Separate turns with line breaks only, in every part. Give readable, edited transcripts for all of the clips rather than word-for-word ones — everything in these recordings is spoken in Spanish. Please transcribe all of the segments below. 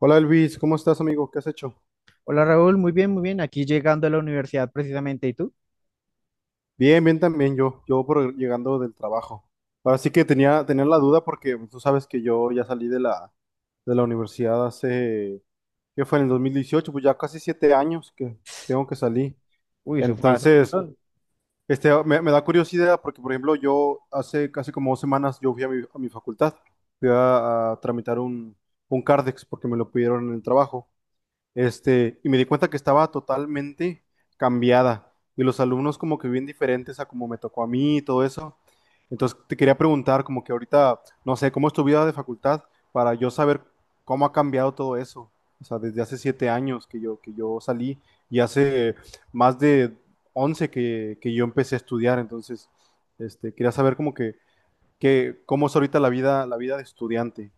Hola Elvis, ¿cómo estás amigo? ¿Qué has hecho?
Hola Raúl, muy bien, muy bien. Aquí llegando a la universidad precisamente, ¿y tú?
Bien, bien también yo por llegando del trabajo. Ahora sí que tenía la duda porque pues, tú sabes que yo ya salí de la universidad hace, ¿qué fue? En el 2018, pues ya casi 7 años que tengo que salir.
Uy, eso fue hace un
Entonces,
montón.
me da curiosidad porque, por ejemplo, yo hace casi como 2 semanas yo fui a mi facultad, fui a tramitar un CARDEX porque me lo pidieron en el trabajo. Y me di cuenta que estaba totalmente cambiada y los alumnos como que bien diferentes a como me tocó a mí y todo eso. Entonces te quería preguntar como que ahorita, no sé, ¿cómo es tu vida de facultad para yo saber cómo ha cambiado todo eso? O sea, desde hace 7 años que yo salí y hace más de 11 que yo empecé a estudiar. Entonces, quería saber como que cómo es ahorita la vida de estudiante.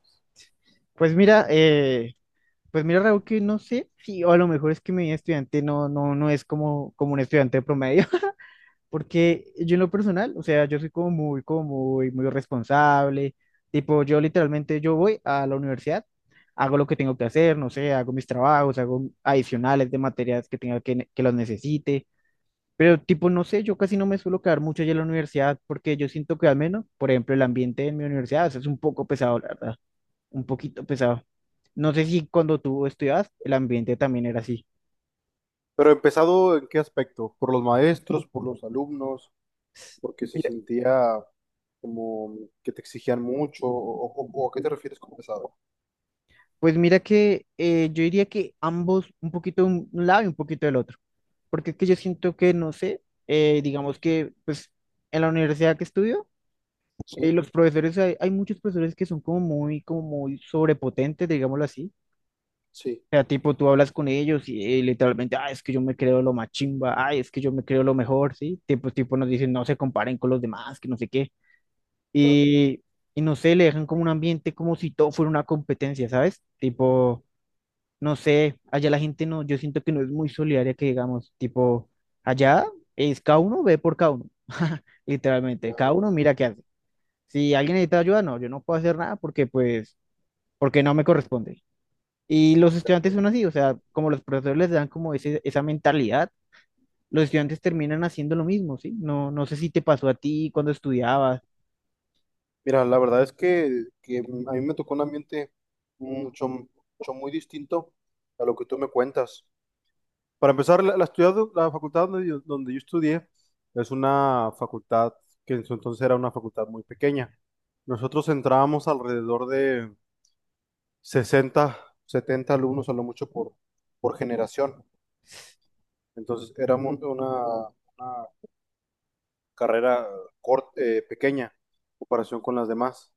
Pues mira, eh, pues mira Raúl, que no sé si, o a lo mejor es que mi estudiante no es como, un estudiante promedio, porque yo en lo personal, o sea, yo soy como muy, muy responsable. Tipo, yo literalmente, yo voy a la universidad, hago lo que tengo que hacer, no sé, hago mis trabajos, hago adicionales de materias que los necesite. Pero tipo, no sé, yo casi no me suelo quedar mucho allá en la universidad porque yo siento que al menos, por ejemplo, el ambiente en mi universidad es un poco pesado, la verdad, un poquito pesado. No sé si cuando tú estudiabas el ambiente también era así.
¿Pero empezado en qué aspecto? ¿Por los maestros? ¿Por los alumnos? Porque se
Mira,
sentía como que te exigían mucho, o a qué te refieres con pesado.
pues mira que yo diría que ambos, un poquito de un lado y un poquito del otro, porque es que yo siento que, no sé, digamos que pues en la universidad que estudio,
Sí,
los profesores, hay muchos profesores que son como muy sobrepotentes, digámoslo así.
sí,
Sea, tipo, tú hablas con ellos y, literalmente, ah, es que yo me creo lo más chimba, ay, es que yo me creo lo mejor, ¿sí? Tipo, tipo nos dicen, no se comparen con los demás, que no sé qué.
ya,
Y, y no sé, le dejan como un ambiente como si todo fuera una competencia, ¿sabes? Tipo, no sé, allá la gente no, yo siento que no es muy solidaria que digamos, tipo, allá es cada uno ve por cada uno, literalmente,
ya,
cada uno mira qué hace. Si alguien necesita ayuda, no, yo no puedo hacer nada porque, pues, porque no me corresponde. Y los
ya.
estudiantes son así, o sea, como los profesores les dan como esa mentalidad, los estudiantes terminan haciendo lo mismo, ¿sí? No, no sé si te pasó a ti cuando estudiabas.
Mira, la verdad es que a mí me tocó un ambiente mucho muy distinto a lo que tú me cuentas. Para empezar, la facultad donde yo estudié es una facultad que en su entonces era una facultad muy pequeña. Nosotros entrábamos alrededor de 60 70 alumnos a lo mucho por generación. Entonces era una carrera corta, pequeña, en comparación con las demás.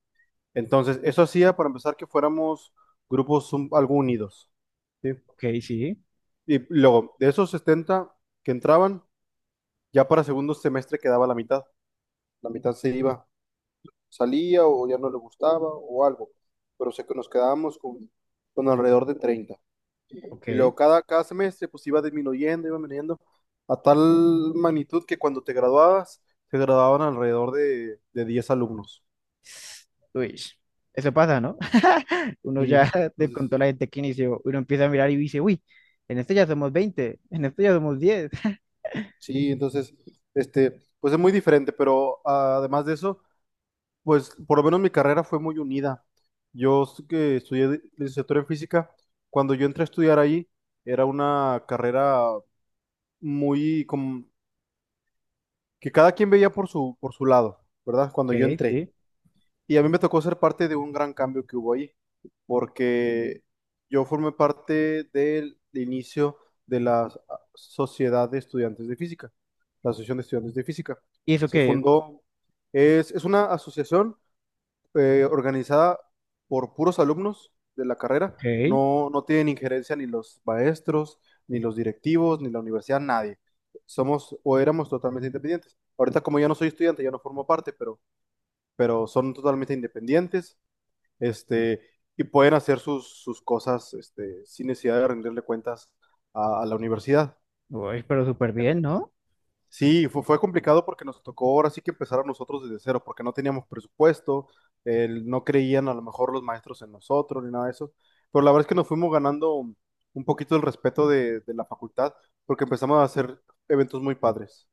Entonces eso hacía para empezar que fuéramos grupos algo unidos. ¿Sí?
Ok, sí,
Y luego, de esos 70 que entraban, ya para segundo semestre quedaba la mitad. La mitad se iba salía o ya no le gustaba o algo, pero sé que nos quedábamos con alrededor de 30. Y
ok.
luego cada semestre pues iba disminuyendo, iba veniendo a tal magnitud que cuando te graduabas, te graduaban alrededor de 10 alumnos.
Uy, eso pasa, ¿no? Uno
Sí,
ya te
entonces,
contó la gente que inició, uno empieza a mirar y dice, uy, en esto ya somos 20, en esto ya somos diez.
sí, entonces, pues es muy diferente, pero además de eso, pues por lo menos mi carrera fue muy unida. Que estudié licenciatura en física, cuando yo entré a estudiar ahí, era una carrera muy como que cada quien veía por su lado, ¿verdad? Cuando
Ok,
yo entré.
sí.
Y a mí me tocó ser parte de un gran cambio que hubo ahí, porque yo formé parte del inicio de la Sociedad de Estudiantes de Física, la Asociación de Estudiantes de Física.
¿Y eso
Se
qué?
fundó, es una asociación organizada por puros alumnos de la carrera.
Ok,
No tienen injerencia ni los maestros, ni los directivos, ni la universidad, nadie. Somos o éramos totalmente independientes. Ahorita como yo no soy estudiante, yo no formo parte, pero son totalmente independientes, este, y pueden hacer sus cosas, sin necesidad de rendirle cuentas a la universidad.
uy, pero súper bien, ¿no?
Sí, fue, fue complicado porque nos tocó ahora sí que empezar a nosotros desde cero, porque no teníamos presupuesto, no creían a lo mejor los maestros en nosotros ni nada de eso, pero la verdad es que nos fuimos ganando un poquito el respeto de la facultad porque empezamos a hacer eventos muy padres.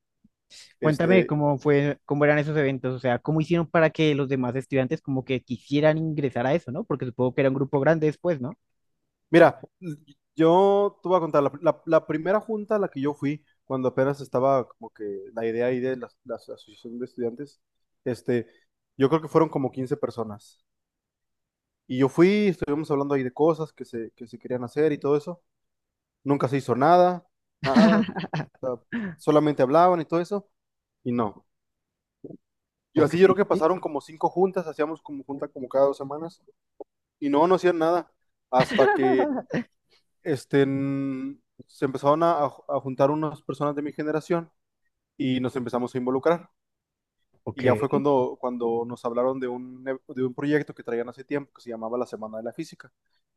Cuéntame
Este,
cómo fue, cómo eran esos eventos, o sea, cómo hicieron para que los demás estudiantes como que quisieran ingresar a eso, ¿no? Porque supongo que era un grupo grande después, ¿no?
mira, yo te voy a contar, la primera junta a la que yo fui, cuando apenas estaba como que la idea ahí de la asociación de estudiantes, este, yo creo que fueron como 15 personas. Y yo fui, estuvimos hablando ahí de cosas que se querían hacer y todo eso. Nunca se hizo nada, nada. O sea, solamente hablaban y todo eso. Y no. Yo
Ok,
así yo creo que
sí,
pasaron como 5 juntas, hacíamos como junta como cada 2 semanas. Y no, no hacían nada. Hasta que se empezaron a juntar unas personas de mi generación y nos empezamos a involucrar. Y
ok,
ya fue cuando nos hablaron de de un proyecto que traían hace tiempo que se llamaba la Semana de la Física.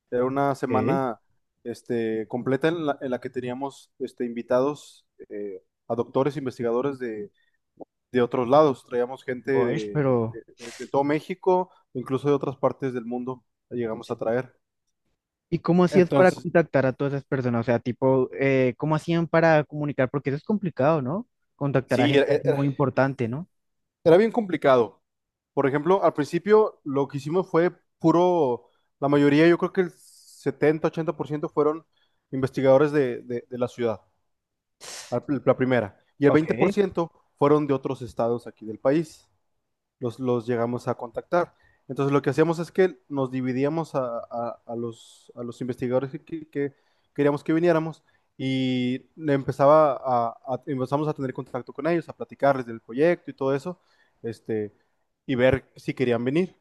Era una
ok.
semana completa en la que teníamos invitados a doctores, investigadores de otros lados. Traíamos gente
Gosh, pero
de todo México, incluso de otras partes del mundo, la llegamos a traer.
¿y cómo hacías para
Entonces,
contactar a todas esas personas? O sea, tipo, ¿cómo hacían para comunicar? Porque eso es complicado, ¿no? Contactar a
sí,
gente así muy importante, ¿no?
era bien complicado. Por ejemplo, al principio lo que hicimos fue puro, la mayoría, yo creo que el 70 80% fueron investigadores de la ciudad. Al la primera. Y el
Ok.
20% fueron de otros estados aquí del país. Los llegamos a contactar. Entonces lo que hacíamos es que nos dividíamos a los investigadores que queríamos que viniéramos y le empezaba a- empezamos a tener contacto con ellos, a platicarles del proyecto y todo eso, este, y ver si querían venir.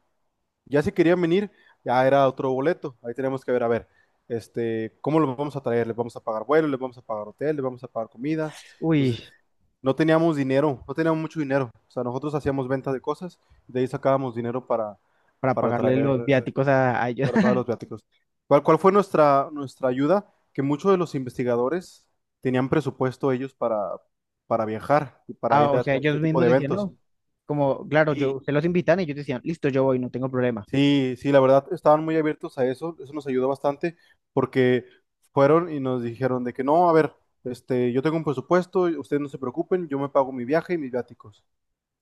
Ya si querían venir, ya era otro boleto. Ahí tenemos que ver, a ver, ¿cómo los vamos a traer? ¿Les vamos a pagar vuelo? ¿Les vamos a pagar hotel? ¿Les vamos a pagar comidas?
Uy,
Entonces, no teníamos dinero, no teníamos mucho dinero. O sea, nosotros hacíamos ventas de cosas, de ahí sacábamos dinero
para
para
pagarle
traer,
los viáticos a ellos.
para pagar los viáticos. ¿Cuál fue nuestra ayuda? Que muchos de los investigadores tenían presupuesto ellos para viajar y para
Ah,
ir
o
a
sea, ellos
este tipo
mismos
de
decían,
eventos.
no. Como, claro, yo, se los invitan y ellos decían, listo, yo voy, no tengo problema.
Sí, sí, la verdad, estaban muy abiertos a eso, eso nos ayudó bastante porque fueron y nos dijeron de que no, a ver, yo tengo un presupuesto, y ustedes no se preocupen, yo me pago mi viaje y mis viáticos.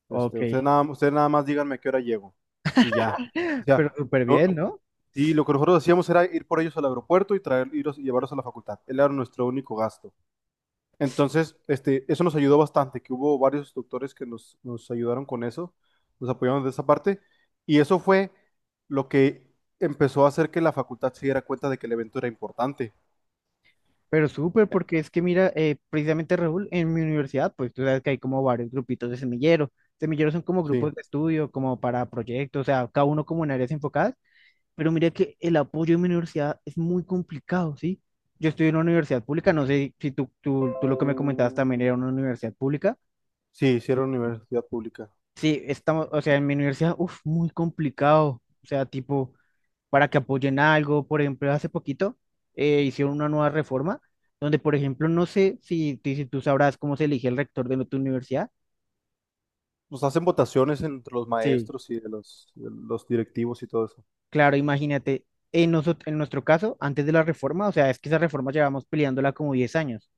Ok,
Ustedes nada más díganme a qué hora llego y ya. O
pero
sea,
súper
no-
bien, ¿no?
y lo que nosotros hacíamos era ir por ellos al aeropuerto y y llevarlos a la facultad. Él era nuestro único gasto. Entonces, eso nos ayudó bastante, que hubo varios instructores que nos ayudaron con eso, nos apoyaron de esa parte, y eso fue lo que empezó a hacer que la facultad se diera cuenta de que el evento era importante.
Pero súper, porque es que mira, precisamente Raúl, en mi universidad, pues tú sabes que hay como varios grupitos de semilleros. Semilleros son como
Sí,
grupos de estudio, como para proyectos, o sea, cada uno como en áreas enfocadas. Pero mira que el apoyo en mi universidad es muy complicado, ¿sí? Yo estoy en una universidad pública, no sé si tú lo que me comentabas también era una universidad pública.
sí, hicieron universidad pública.
Sí, estamos, o sea, en mi universidad, uff, muy complicado. O sea, tipo, para que apoyen algo. Por ejemplo, hace poquito hicieron una nueva reforma donde, por ejemplo, no sé si, si tú sabrás cómo se elige el rector de tu universidad.
Nos hacen votaciones entre los
Sí,
maestros y de los directivos y todo eso.
claro, imagínate, en, en nuestro caso, antes de la reforma, o sea, es que esa reforma llevamos peleándola como 10 años.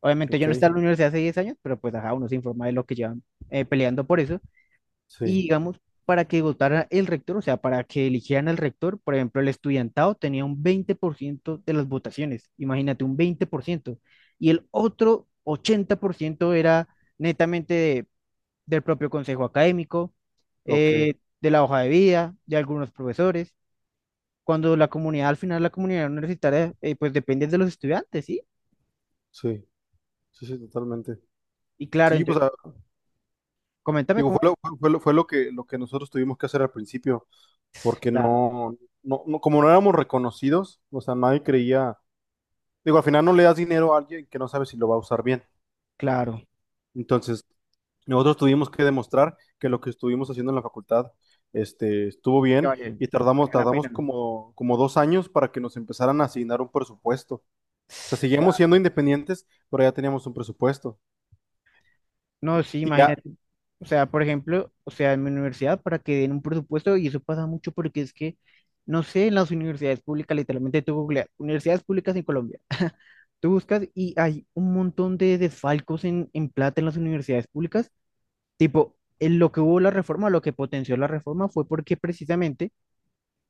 Obviamente yo
Ok,
no estaba en la universidad hace 10 años, pero pues ajá, uno se informa de lo que llevan peleando por eso. Y
sí,
digamos, para que votara el rector, o sea, para que eligieran al rector, por ejemplo, el estudiantado tenía un 20% de las votaciones, imagínate, un 20%. Y el otro 80% era netamente del propio consejo académico,
ok,
eh, de la hoja de vida, de algunos profesores. Cuando la comunidad, al final la comunidad universitaria, pues depende de los estudiantes, ¿sí?
sí, sí, sí, totalmente.
Y claro,
Sí, pues
entonces, coméntame
digo,
cómo es.
fue lo lo que nosotros tuvimos que hacer al principio. Porque
Claro,
como no éramos reconocidos, o sea, nadie creía, digo, al final no le das dinero a alguien que no sabe si lo va a usar bien.
claro,
Entonces, nosotros tuvimos que demostrar que lo que estuvimos haciendo en la facultad, estuvo
que
bien
vale,
y
que
tardamos,
vale la pena,
tardamos
¿no?
como 2 años para que nos empezaran a asignar un presupuesto. O sea, seguíamos siendo independientes, pero ya teníamos un presupuesto
No, sí,
y ya,
imagínate. O sea, por ejemplo, o sea, en mi universidad para que den un presupuesto, y eso pasa mucho porque es que, no sé, en las universidades públicas, literalmente tú googleas, universidades públicas en Colombia, tú buscas y hay un montón de desfalcos en plata en las universidades públicas. Tipo, en lo que hubo la reforma, lo que potenció la reforma fue porque precisamente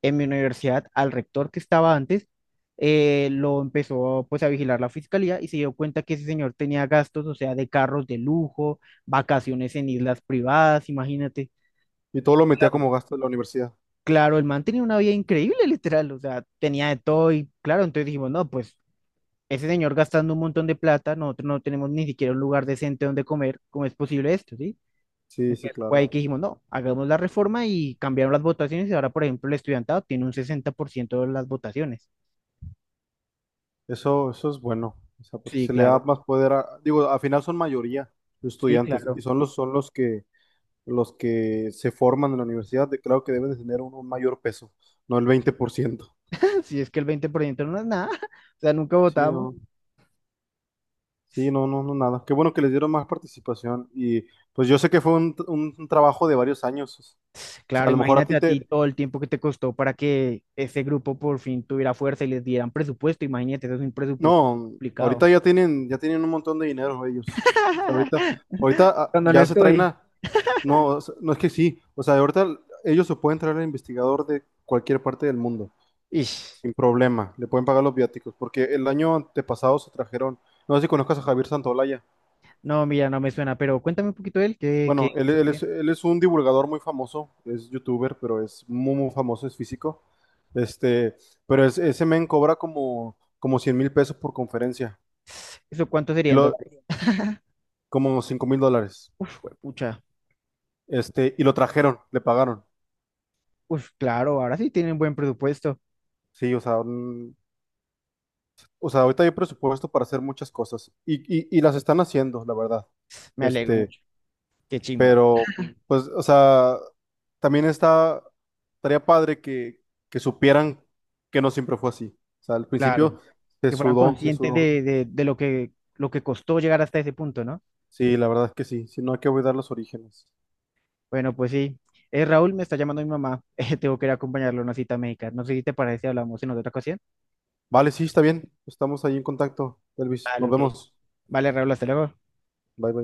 en mi universidad al rector que estaba antes, lo empezó pues a vigilar la fiscalía y se dio cuenta que ese señor tenía gastos, o sea, de carros de lujo, vacaciones en islas privadas, imagínate.
y todo lo metía como gasto de la universidad.
Claro, el man tenía una vida increíble, literal, o sea, tenía de todo y claro, entonces dijimos, no, pues ese señor gastando un montón de plata, nosotros no tenemos ni siquiera un lugar decente donde comer, ¿cómo es posible esto, sí?
Sí, sí,
Entonces fue
claro.
ahí que dijimos, no, hagamos la reforma y cambiaron las votaciones y ahora, por ejemplo, el estudiantado tiene un 60% de las votaciones.
Eso es bueno, o sea, porque
Sí,
se le da
claro.
más poder a, digo, al final son mayoría los
Sí,
estudiantes y
claro.
son los que se forman en la universidad, claro que deben de tener un mayor peso, no el 20%.
Si es que el 20% no es nada, o sea, nunca
Sí,
votamos.
no, sí, no, no, no, nada. Qué bueno que les dieron más participación y pues yo sé que fue un trabajo de varios años. O sea, a
Claro,
lo mejor a
imagínate
ti
a ti
te,
todo el tiempo que te costó para que ese grupo por fin tuviera fuerza y les dieran presupuesto. Imagínate, eso es un presupuesto muy
no,
complicado.
ahorita ya tienen un montón de dinero ellos. O sea, ahorita, ahorita
Cuando no
ya se traen
estoy.
a. No, o sea, no es que sí. O sea, ahorita ellos se pueden traer al investigador de cualquier parte del mundo,
Ish.
sin problema. Le pueden pagar los viáticos, porque el año antepasado se trajeron. No sé si conozcas a Javier Santolaya.
No, mira, no me suena, pero cuéntame un poquito de él, ¿qué, qué
Bueno,
hizo? ¿Qué?
él es un divulgador muy famoso, es youtuber, pero es muy famoso, es físico. Este, pero ese men cobra como 100.000 pesos por conferencia,
¿Eso cuánto
y
sería en
lo,
dólares?
como 5.000 dólares.
Uf, pucha.
Este, y lo trajeron, le pagaron.
Uf, claro, ahora sí tienen buen presupuesto.
Sí, o sea, o sea, ahorita hay presupuesto para hacer muchas cosas. Y las están haciendo, la verdad.
Me alegro
Este,
mucho. Qué chimba.
pero, pues, o sea, también está, estaría padre que supieran que no siempre fue así. O sea, al
Claro.
principio se
Que fueran
sudó, se
conscientes
sudó.
de lo que costó llegar hasta ese punto, ¿no?
Sí, la verdad es que sí. Si no, hay que olvidar los orígenes.
Bueno, pues sí. Raúl, me está llamando mi mamá. Tengo que ir a acompañarlo a una cita médica. No sé si te parece, si hablamos en otra ocasión.
Vale, sí, está bien. Estamos ahí en contacto, Elvis.
Vale,
Nos
ok.
vemos.
Vale, Raúl, hasta luego.
Bye, bye.